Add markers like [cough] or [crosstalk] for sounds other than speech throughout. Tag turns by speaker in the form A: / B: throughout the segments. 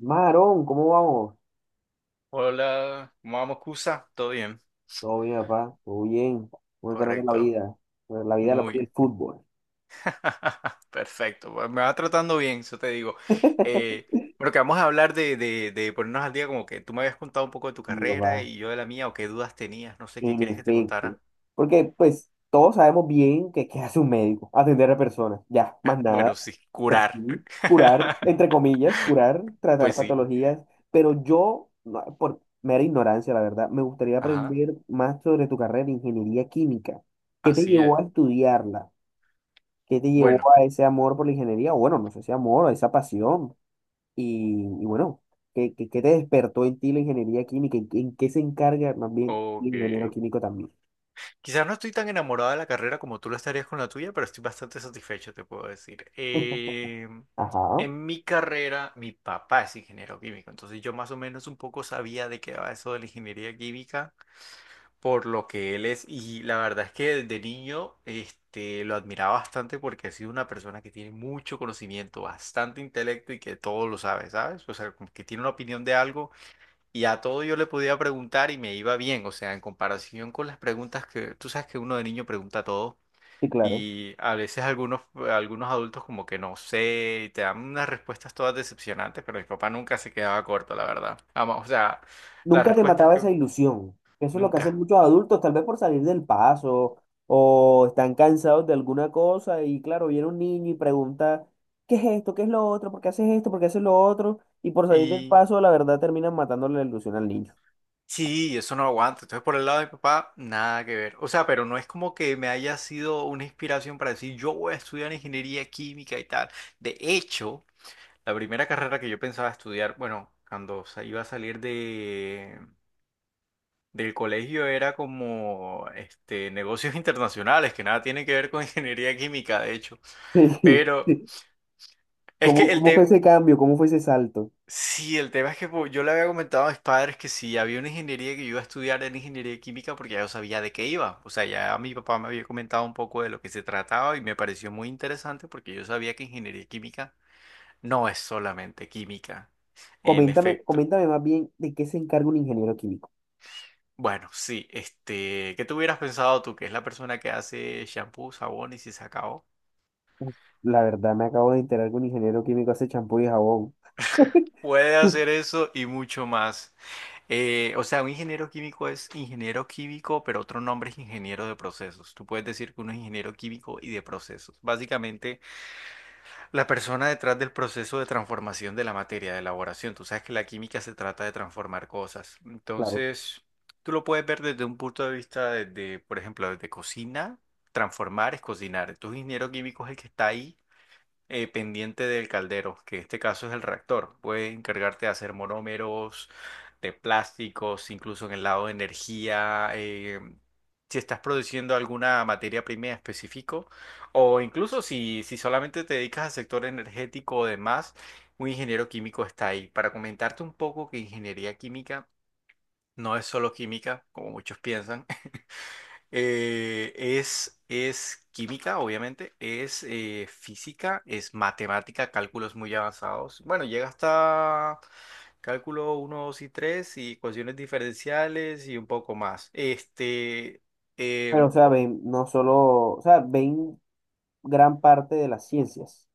A: Marón, ¿cómo vamos?
B: Hola, ¿cómo vamos, Cusa? ¿Todo bien?
A: Todo bien, papá, todo bien. ¿Cómo te trata la
B: Correcto.
A: vida? Pues, la vida la pone
B: Muy.
A: el fútbol.
B: [laughs] Perfecto. Bueno, me va tratando bien, eso te digo.
A: [laughs]
B: Eh, bueno, que vamos a hablar de ponernos al día, como que tú me habías contado un poco de tu
A: Sí,
B: carrera
A: papá,
B: y yo de la mía, o qué dudas tenías, no sé qué
A: en
B: querías que te
A: efecto.
B: contara.
A: Porque, pues, todos sabemos bien que qué hace un médico, atender a personas, ya, más
B: ¿Eh? Bueno,
A: nada.
B: sí,
A: Pues
B: curar.
A: sí, curar,
B: [laughs]
A: entre comillas, curar, tratar
B: Pues sí.
A: patologías. Pero yo, no, por mera ignorancia, la verdad, me gustaría
B: Ajá,
A: aprender más sobre tu carrera de ingeniería química. ¿Qué te
B: así es.
A: llevó a estudiarla? ¿Qué te llevó
B: Bueno,
A: a ese amor por la ingeniería? O bueno, no sé si amor, a esa pasión. Y bueno, ¿qué te despertó en ti la ingeniería química? En qué se encarga más bien
B: ok.
A: el ingeniero químico también?
B: Quizás no estoy tan enamorada de la carrera como tú lo estarías con la tuya, pero estoy bastante satisfecho, te puedo decir.
A: [laughs] Ajá,
B: En mi carrera, mi papá es ingeniero químico, entonces yo más o menos un poco sabía de qué va eso de la ingeniería química, por lo que él es, y la verdad es que desde niño este, lo admiraba bastante porque ha sido una persona que tiene mucho conocimiento, bastante intelecto y que todo lo sabe, ¿sabes? O sea, como que tiene una opinión de algo y a todo yo le podía preguntar y me iba bien, o sea, en comparación con las preguntas que tú sabes que uno de niño pregunta todo
A: sí, claro.
B: y a veces algunos adultos como que no sé, y te dan unas respuestas todas decepcionantes, pero mi papá nunca se quedaba corto, la verdad. Ama- o sea, las
A: Nunca te
B: respuestas
A: mataba
B: que
A: esa ilusión. Eso es lo que hacen
B: nunca.
A: muchos adultos, tal vez por salir del paso o están cansados de alguna cosa y claro, viene un niño y pregunta, ¿qué es esto? ¿Qué es lo otro? ¿Por qué haces esto? ¿Por qué haces lo otro? Y por salir del
B: Y
A: paso, la verdad, terminan matándole la ilusión al niño.
B: sí, eso no aguanto. Entonces, por el lado de mi papá, nada que ver. O sea, pero no es como que me haya sido una inspiración para decir, yo voy a estudiar ingeniería química y tal. De hecho... La primera carrera que yo pensaba estudiar, bueno, cuando sa- iba a salir de, del colegio era como este, negocios [laughs] internacionales, que nada tiene que ver con [laughs] ingeniería química, de hecho.
A: [laughs]
B: Pero
A: Sí.
B: es que
A: ¿Cómo,
B: el
A: cómo fue
B: tema,
A: ese cambio? ¿Cómo fue ese salto?
B: sí, el tema es que pues, yo le había comentado a mis padres que si había una ingeniería que yo iba a estudiar en ingeniería química porque ya yo sabía de qué iba. O sea, ya mi papá me había comentado un poco de lo que se trataba y me pareció muy interesante porque yo sabía que ingeniería química no es solamente química. En
A: Coméntame,
B: efecto.
A: coméntame más bien de qué se encarga un ingeniero químico.
B: Bueno, sí, este, ¿qué te hubieras pensado tú, que es la persona que hace shampoo, sabón y se acabó?
A: Uf, la verdad, me acabo de enterar que un ingeniero químico hace champú y jabón.
B: Puede hacer
A: [laughs]
B: eso y mucho más. O sea, un ingeniero químico es ingeniero químico, pero otro nombre es ingeniero de procesos. Tú puedes decir que uno es ingeniero químico y de procesos. Básicamente, la persona detrás del proceso de transformación de la materia, de elaboración. Tú sabes que la química se trata de transformar cosas.
A: Claro.
B: Entonces, tú lo puedes ver desde un punto de vista, desde, por ejemplo, desde cocina. Transformar es cocinar. Entonces, un ingeniero químico es el que está ahí pendiente del caldero, que en este caso es el reactor. Puedes encargarte de hacer monómeros, de plásticos, incluso en el lado de energía, si estás produciendo alguna materia prima en específico, o incluso si, si solamente te dedicas al sector energético o demás, un ingeniero químico está ahí. Para comentarte un poco que ingeniería química no es solo química, como muchos piensan. Es química, obviamente, es física, es matemática, cálculos muy avanzados. Bueno, llega hasta cálculo uno 2 y 3 y ecuaciones diferenciales y un poco más. Este,
A: Pero, o
B: em,
A: sea, ven, no solo, o sea, ven gran parte de las ciencias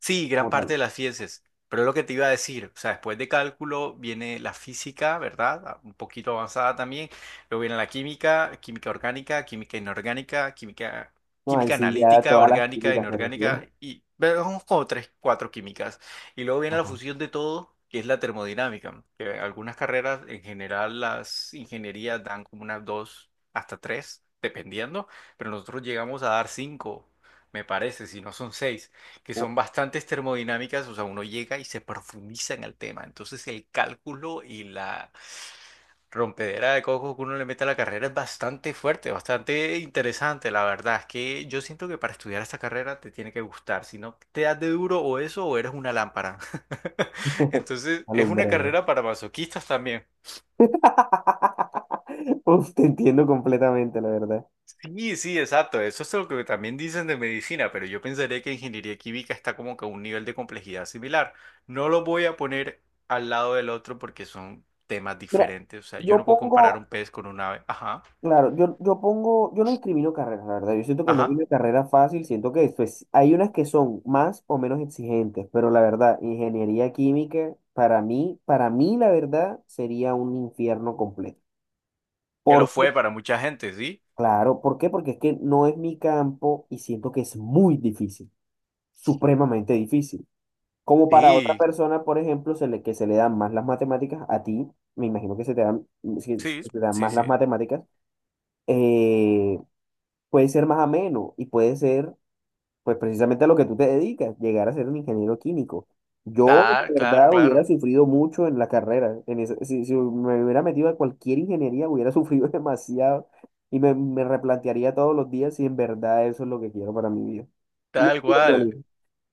B: sí, gran
A: como
B: parte
A: tal.
B: de las ciencias. Pero lo que te iba a decir, o sea, después de cálculo viene la física, ¿verdad? Ah, un poquito avanzada también. Luego viene la química, química orgánica, química inorgánica, química,
A: No, ahí
B: química
A: sí ya
B: analítica,
A: todas las
B: orgánica,
A: químicas me
B: inorgánica,
A: refiero.
B: y vamos como tres, cuatro químicas. Y luego viene la
A: Ajá.
B: fusión de todo, que es la termodinámica, que algunas carreras, en general, las ingenierías dan como unas dos hasta tres, dependiendo, pero nosotros llegamos a dar cinco, me parece, si no son seis, que son bastantes termodinámicas, o sea, uno llega y se profundiza en el tema. Entonces el cálculo y la rompedera de coco que uno le mete a la carrera es bastante fuerte, bastante interesante, la verdad. Es que yo siento que para estudiar esta carrera te tiene que gustar, si no te das de duro o eso o eres una lámpara. [laughs]
A: [laughs]
B: Entonces es una
A: Alumbrera.
B: carrera para masoquistas también.
A: [laughs] Uf, te entiendo completamente, la verdad.
B: Sí, sí, exacto. Eso es lo que también dicen de medicina, pero yo pensaría que ingeniería química está como que a un nivel de complejidad similar. No lo voy a poner al lado del otro porque son temas
A: Mira,
B: diferentes. O sea, yo
A: yo
B: no puedo comparar un
A: pongo,
B: pez con un ave. Ajá,
A: claro, yo pongo, yo no discrimino carreras, la verdad. Yo siento que no hay
B: ajá.
A: una carrera fácil, siento que pues, hay unas que son más o menos exigentes, pero la verdad, ingeniería química, para mí, la verdad, sería un infierno completo.
B: Que lo
A: ¿Por qué?
B: fue para mucha gente, ¿sí?
A: Claro, ¿por qué? Porque es que no es mi campo y siento que es muy difícil, supremamente difícil. Como para otra
B: Sí,
A: persona, por ejemplo, se le, que se le dan más las matemáticas, a ti, me imagino que se te dan, se-
B: sí,
A: se te dan
B: sí,
A: más las
B: sí.
A: matemáticas. eh, Puede ser más ameno y puede ser, pues precisamente a lo que tú te dedicas, llegar a ser un ingeniero químico. Yo,
B: Tal,
A: de
B: claro,
A: verdad, hubiera
B: claro.
A: sufrido mucho en la carrera. En esa- si, si me hubiera metido a cualquier ingeniería, hubiera sufrido [laughs] demasiado y me replantearía todos los días si en verdad eso es lo que quiero para mi vida. Y ya,
B: Tal cual.
A: bueno,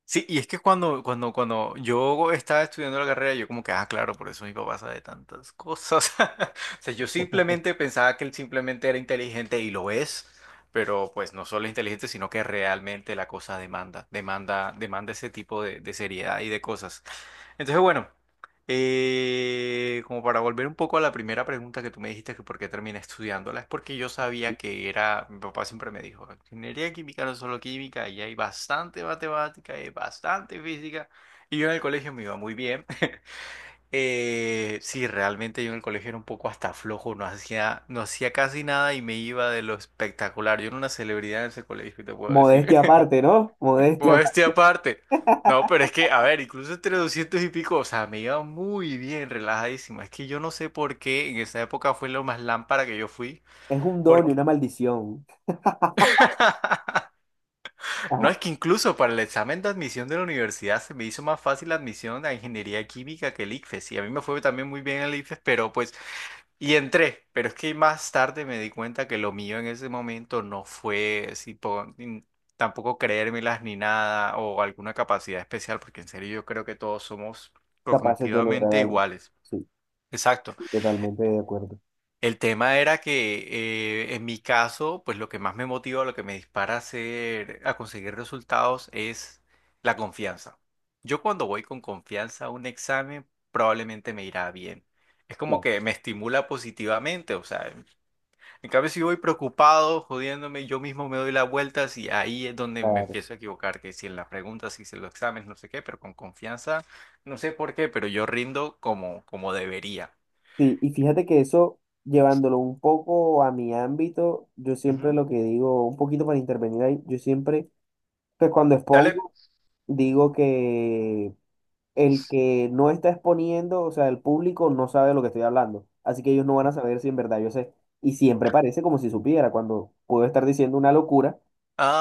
B: Sí, y es que cuando yo estaba estudiando la carrera, yo como que, ah, claro, por eso mi papá sabe tantas cosas. [laughs] O sea, yo simplemente pensaba que él simplemente era inteligente y lo es, pero pues no solo es inteligente, sino que realmente la cosa demanda, demanda, demanda ese tipo de seriedad y de cosas. Entonces, bueno. Como para volver un poco a la primera pregunta que tú me dijiste que por qué terminé estudiándola, es porque yo sabía que era, mi papá siempre me dijo, ingeniería química no es solo química, y hay bastante matemática, hay bastante física, y yo en el colegio me iba muy bien. [laughs] Sí, realmente yo en el colegio era un poco hasta flojo, no hacía casi nada y me iba de lo espectacular. Yo era una celebridad en ese colegio, te puedo decir.
A: modestia aparte, ¿no? Modestia
B: Modestia
A: aparte.
B: aparte. No, pero es que, a ver, incluso entre 200 y pico, o sea, me iba muy bien, relajadísimo. Es que yo no sé por qué en esa época fue lo más lámpara que yo fui.
A: Es un don y
B: Porque...
A: una maldición.
B: [laughs] No,
A: Ajá,
B: es que incluso para el examen de admisión de la universidad se me hizo más fácil la admisión a ingeniería química que el ICFES. Y a mí me fue también muy bien el ICFES, pero pues y entré, pero es que más tarde me di cuenta que lo mío en ese momento no fue así, po- ni- tampoco creérmelas ni nada o alguna capacidad especial, porque en serio yo creo que todos somos
A: capaces de lograr
B: cognitivamente
A: algo.
B: iguales.
A: Sí,
B: Exacto.
A: totalmente de acuerdo.
B: El tema era que en mi caso, pues lo que más me motiva, lo que me dispara a hacer, a conseguir resultados es la confianza. Yo cuando voy con confianza a un examen, probablemente me irá bien. Es como que me estimula positivamente, o sea, en cambio, si voy preocupado, jodiéndome, yo mismo me doy las vueltas y ahí es donde me
A: Claro.
B: empiezo a equivocar, que si en las preguntas, si en los exámenes, no sé qué, pero con confianza, no sé por qué, pero yo rindo como, como debería.
A: Sí, y fíjate que eso, llevándolo un poco a mi ámbito, yo siempre
B: Ujú.
A: lo que digo, un poquito para intervenir ahí, yo siempre, pues cuando
B: Dale.
A: expongo, digo que el que no está exponiendo, o sea, el público no sabe de lo que estoy hablando, así que ellos no van a saber si en verdad yo sé. Y siempre parece como si supiera, cuando puedo estar diciendo una locura.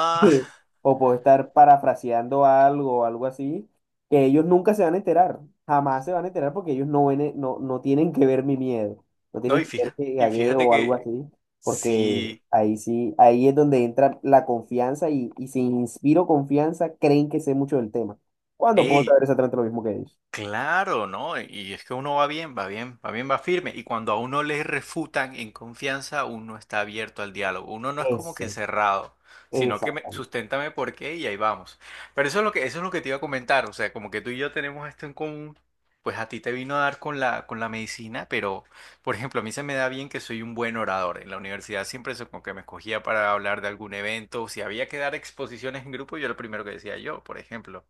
A: [laughs] Sí. O puedo estar parafraseando algo o algo así, que ellos nunca se van a enterar, jamás se van a enterar porque ellos no ven, e- no, no tienen que ver mi miedo, no
B: [laughs] no,
A: tienen que ver que
B: y
A: gagueo
B: fíjate
A: o algo
B: que
A: así, porque
B: si,
A: ahí sí, ahí es donde entra la confianza y si inspiro confianza, creen que sé mucho del tema. ¿Cuándo puedo saber exactamente lo mismo que ellos?
B: claro, ¿no? Y es que uno va bien, va bien, va bien, va firme. Y cuando a uno le refutan en confianza, uno está abierto al diálogo. Uno no es como que
A: Exacto,
B: cerrado, sino que me,
A: exactamente,
B: susténtame por qué y ahí vamos. Pero eso es lo que, eso es lo que te iba a comentar. O sea, como que tú y yo tenemos esto en común, pues a ti te vino a dar con la medicina, pero, por ejemplo, a mí se me da bien que soy un buen orador. En la universidad siempre eso como que me escogía para hablar de algún evento. Si había que dar exposiciones en grupo, yo era el primero que decía yo, por ejemplo.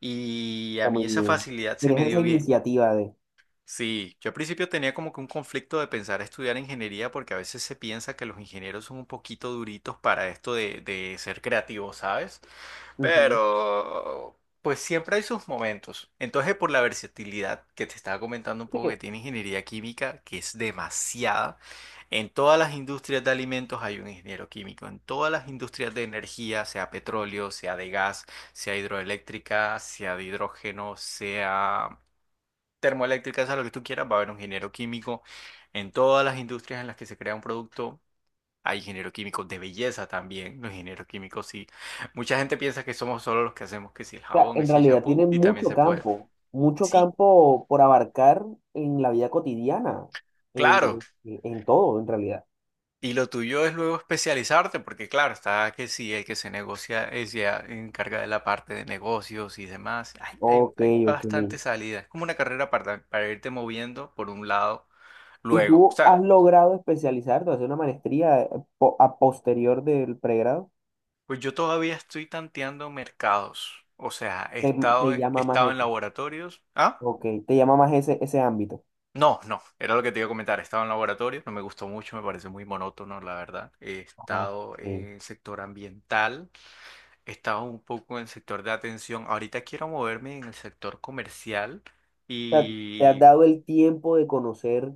B: Y a
A: está
B: mí
A: muy
B: esa
A: bien.
B: facilidad se me
A: Tienes esa
B: dio bien.
A: iniciativa de...
B: Sí, yo al principio tenía como que un conflicto de pensar estudiar ingeniería porque a veces se piensa que los ingenieros son un poquito duritos para esto de ser creativos, ¿sabes?
A: Ujú.
B: Pero, pues siempre hay sus momentos. Entonces, por la versatilidad que te estaba comentando un poco que tiene ingeniería química, que es demasiada, en todas las industrias de alimentos hay un ingeniero químico, en todas las industrias de energía, sea petróleo, sea de gas, sea hidroeléctrica, sea de hidrógeno, sea termoeléctrica, sea lo que tú quieras, va a haber un ingeniero químico. En todas las industrias en las que se crea un producto. Hay ingeniero químico de belleza también, los ingenieros químicos sí. Mucha gente piensa que somos solo los que hacemos que si el
A: Sea,
B: jabón, que
A: en
B: si el
A: realidad tiene
B: champú y también se puede.
A: mucho
B: Sí,
A: campo por abarcar en la vida cotidiana,
B: claro.
A: en todo, en realidad.
B: Y lo tuyo es luego especializarte, porque claro, está que sí, el que se negocia, es ya encarga de la parte de negocios y demás. Hay, hay,
A: Ok,
B: hay
A: ok.
B: bastante salida. Es como una carrera para irte moviendo por un lado
A: ¿Y
B: luego. O
A: tú has
B: sea,
A: logrado especializarte, hacer una maestría po- a posterior del pregrado?
B: pues yo todavía estoy tanteando mercados. O sea,
A: ¿Te, te
B: he
A: llama más
B: estado en
A: ese...
B: laboratorios. ¿Ah?
A: Ok, te llama más ese, ese ámbito.
B: No, no, era lo que te iba a comentar. He estado en laboratorio, no me gustó mucho, me parece muy monótono, la verdad. He
A: Ajá. Ok.
B: estado
A: O
B: en el sector ambiental, he estado un poco en el sector de atención. Ahorita quiero moverme en el sector comercial
A: sea, te has
B: y
A: dado el tiempo de conocer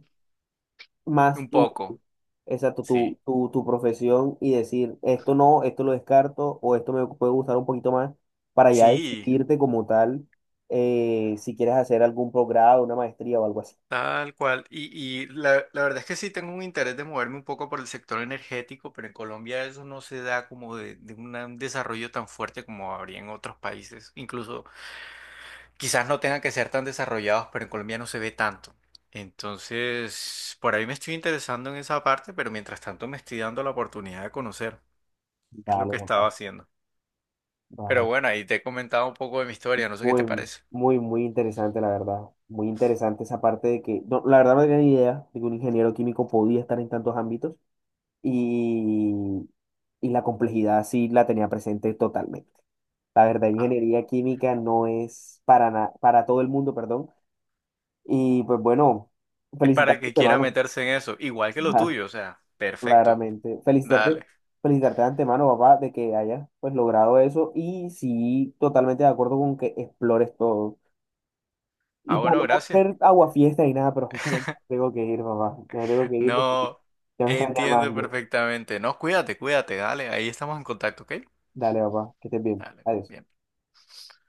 A: más...
B: un poco,
A: Exacto,
B: sí.
A: tu profesión y decir, esto no, esto lo descarto o esto me puede gustar un poquito más, para ya
B: Sí,
A: decidirte como tal, si quieres hacer algún progrado, una maestría o algo así.
B: tal cual. Y la, la verdad es que sí tengo un interés de moverme un poco por el sector energético, pero en Colombia eso no se da como de un desarrollo tan fuerte como habría en otros países, incluso quizás no tengan que ser tan desarrollados, pero en Colombia no se ve tanto. Entonces, por ahí me estoy interesando en esa parte, pero mientras tanto me estoy dando la oportunidad de conocer. Es lo
A: Vale,
B: que estaba
A: papá.
B: haciendo. Pero
A: Vale.
B: bueno, ahí te he comentado un poco de mi historia, no sé qué te
A: Muy,
B: parece.
A: muy, muy interesante, la verdad. Muy interesante esa parte de que, no, la verdad no tenía ni idea de que un ingeniero químico podía estar en tantos ámbitos y, y la complejidad sí la tenía presente totalmente. La verdad,
B: Ah,
A: ingeniería química no es para, na- para todo el mundo, perdón. Y pues bueno,
B: es para el
A: felicitarte de
B: que quiera
A: antemano,
B: meterse en eso, igual que lo
A: [laughs]
B: tuyo, o sea, perfecto.
A: claramente. Felicitarte,
B: Dale.
A: felicitarte de antemano, papá, de que hayas pues logrado eso. Y sí, totalmente de acuerdo con que explores todo. Y
B: Ah,
A: para
B: bueno,
A: no
B: gracias.
A: hacer aguafiesta y nada, pero justamente ya tengo que ir, papá. Ya tengo
B: [laughs]
A: que ir porque
B: No,
A: ya me están
B: entiendo
A: llamando.
B: perfectamente. No, cuídate, cuídate, dale, ahí estamos en contacto, ¿ok?
A: Dale, papá, que estés bien.
B: Dale.
A: Adiós.
B: Bien.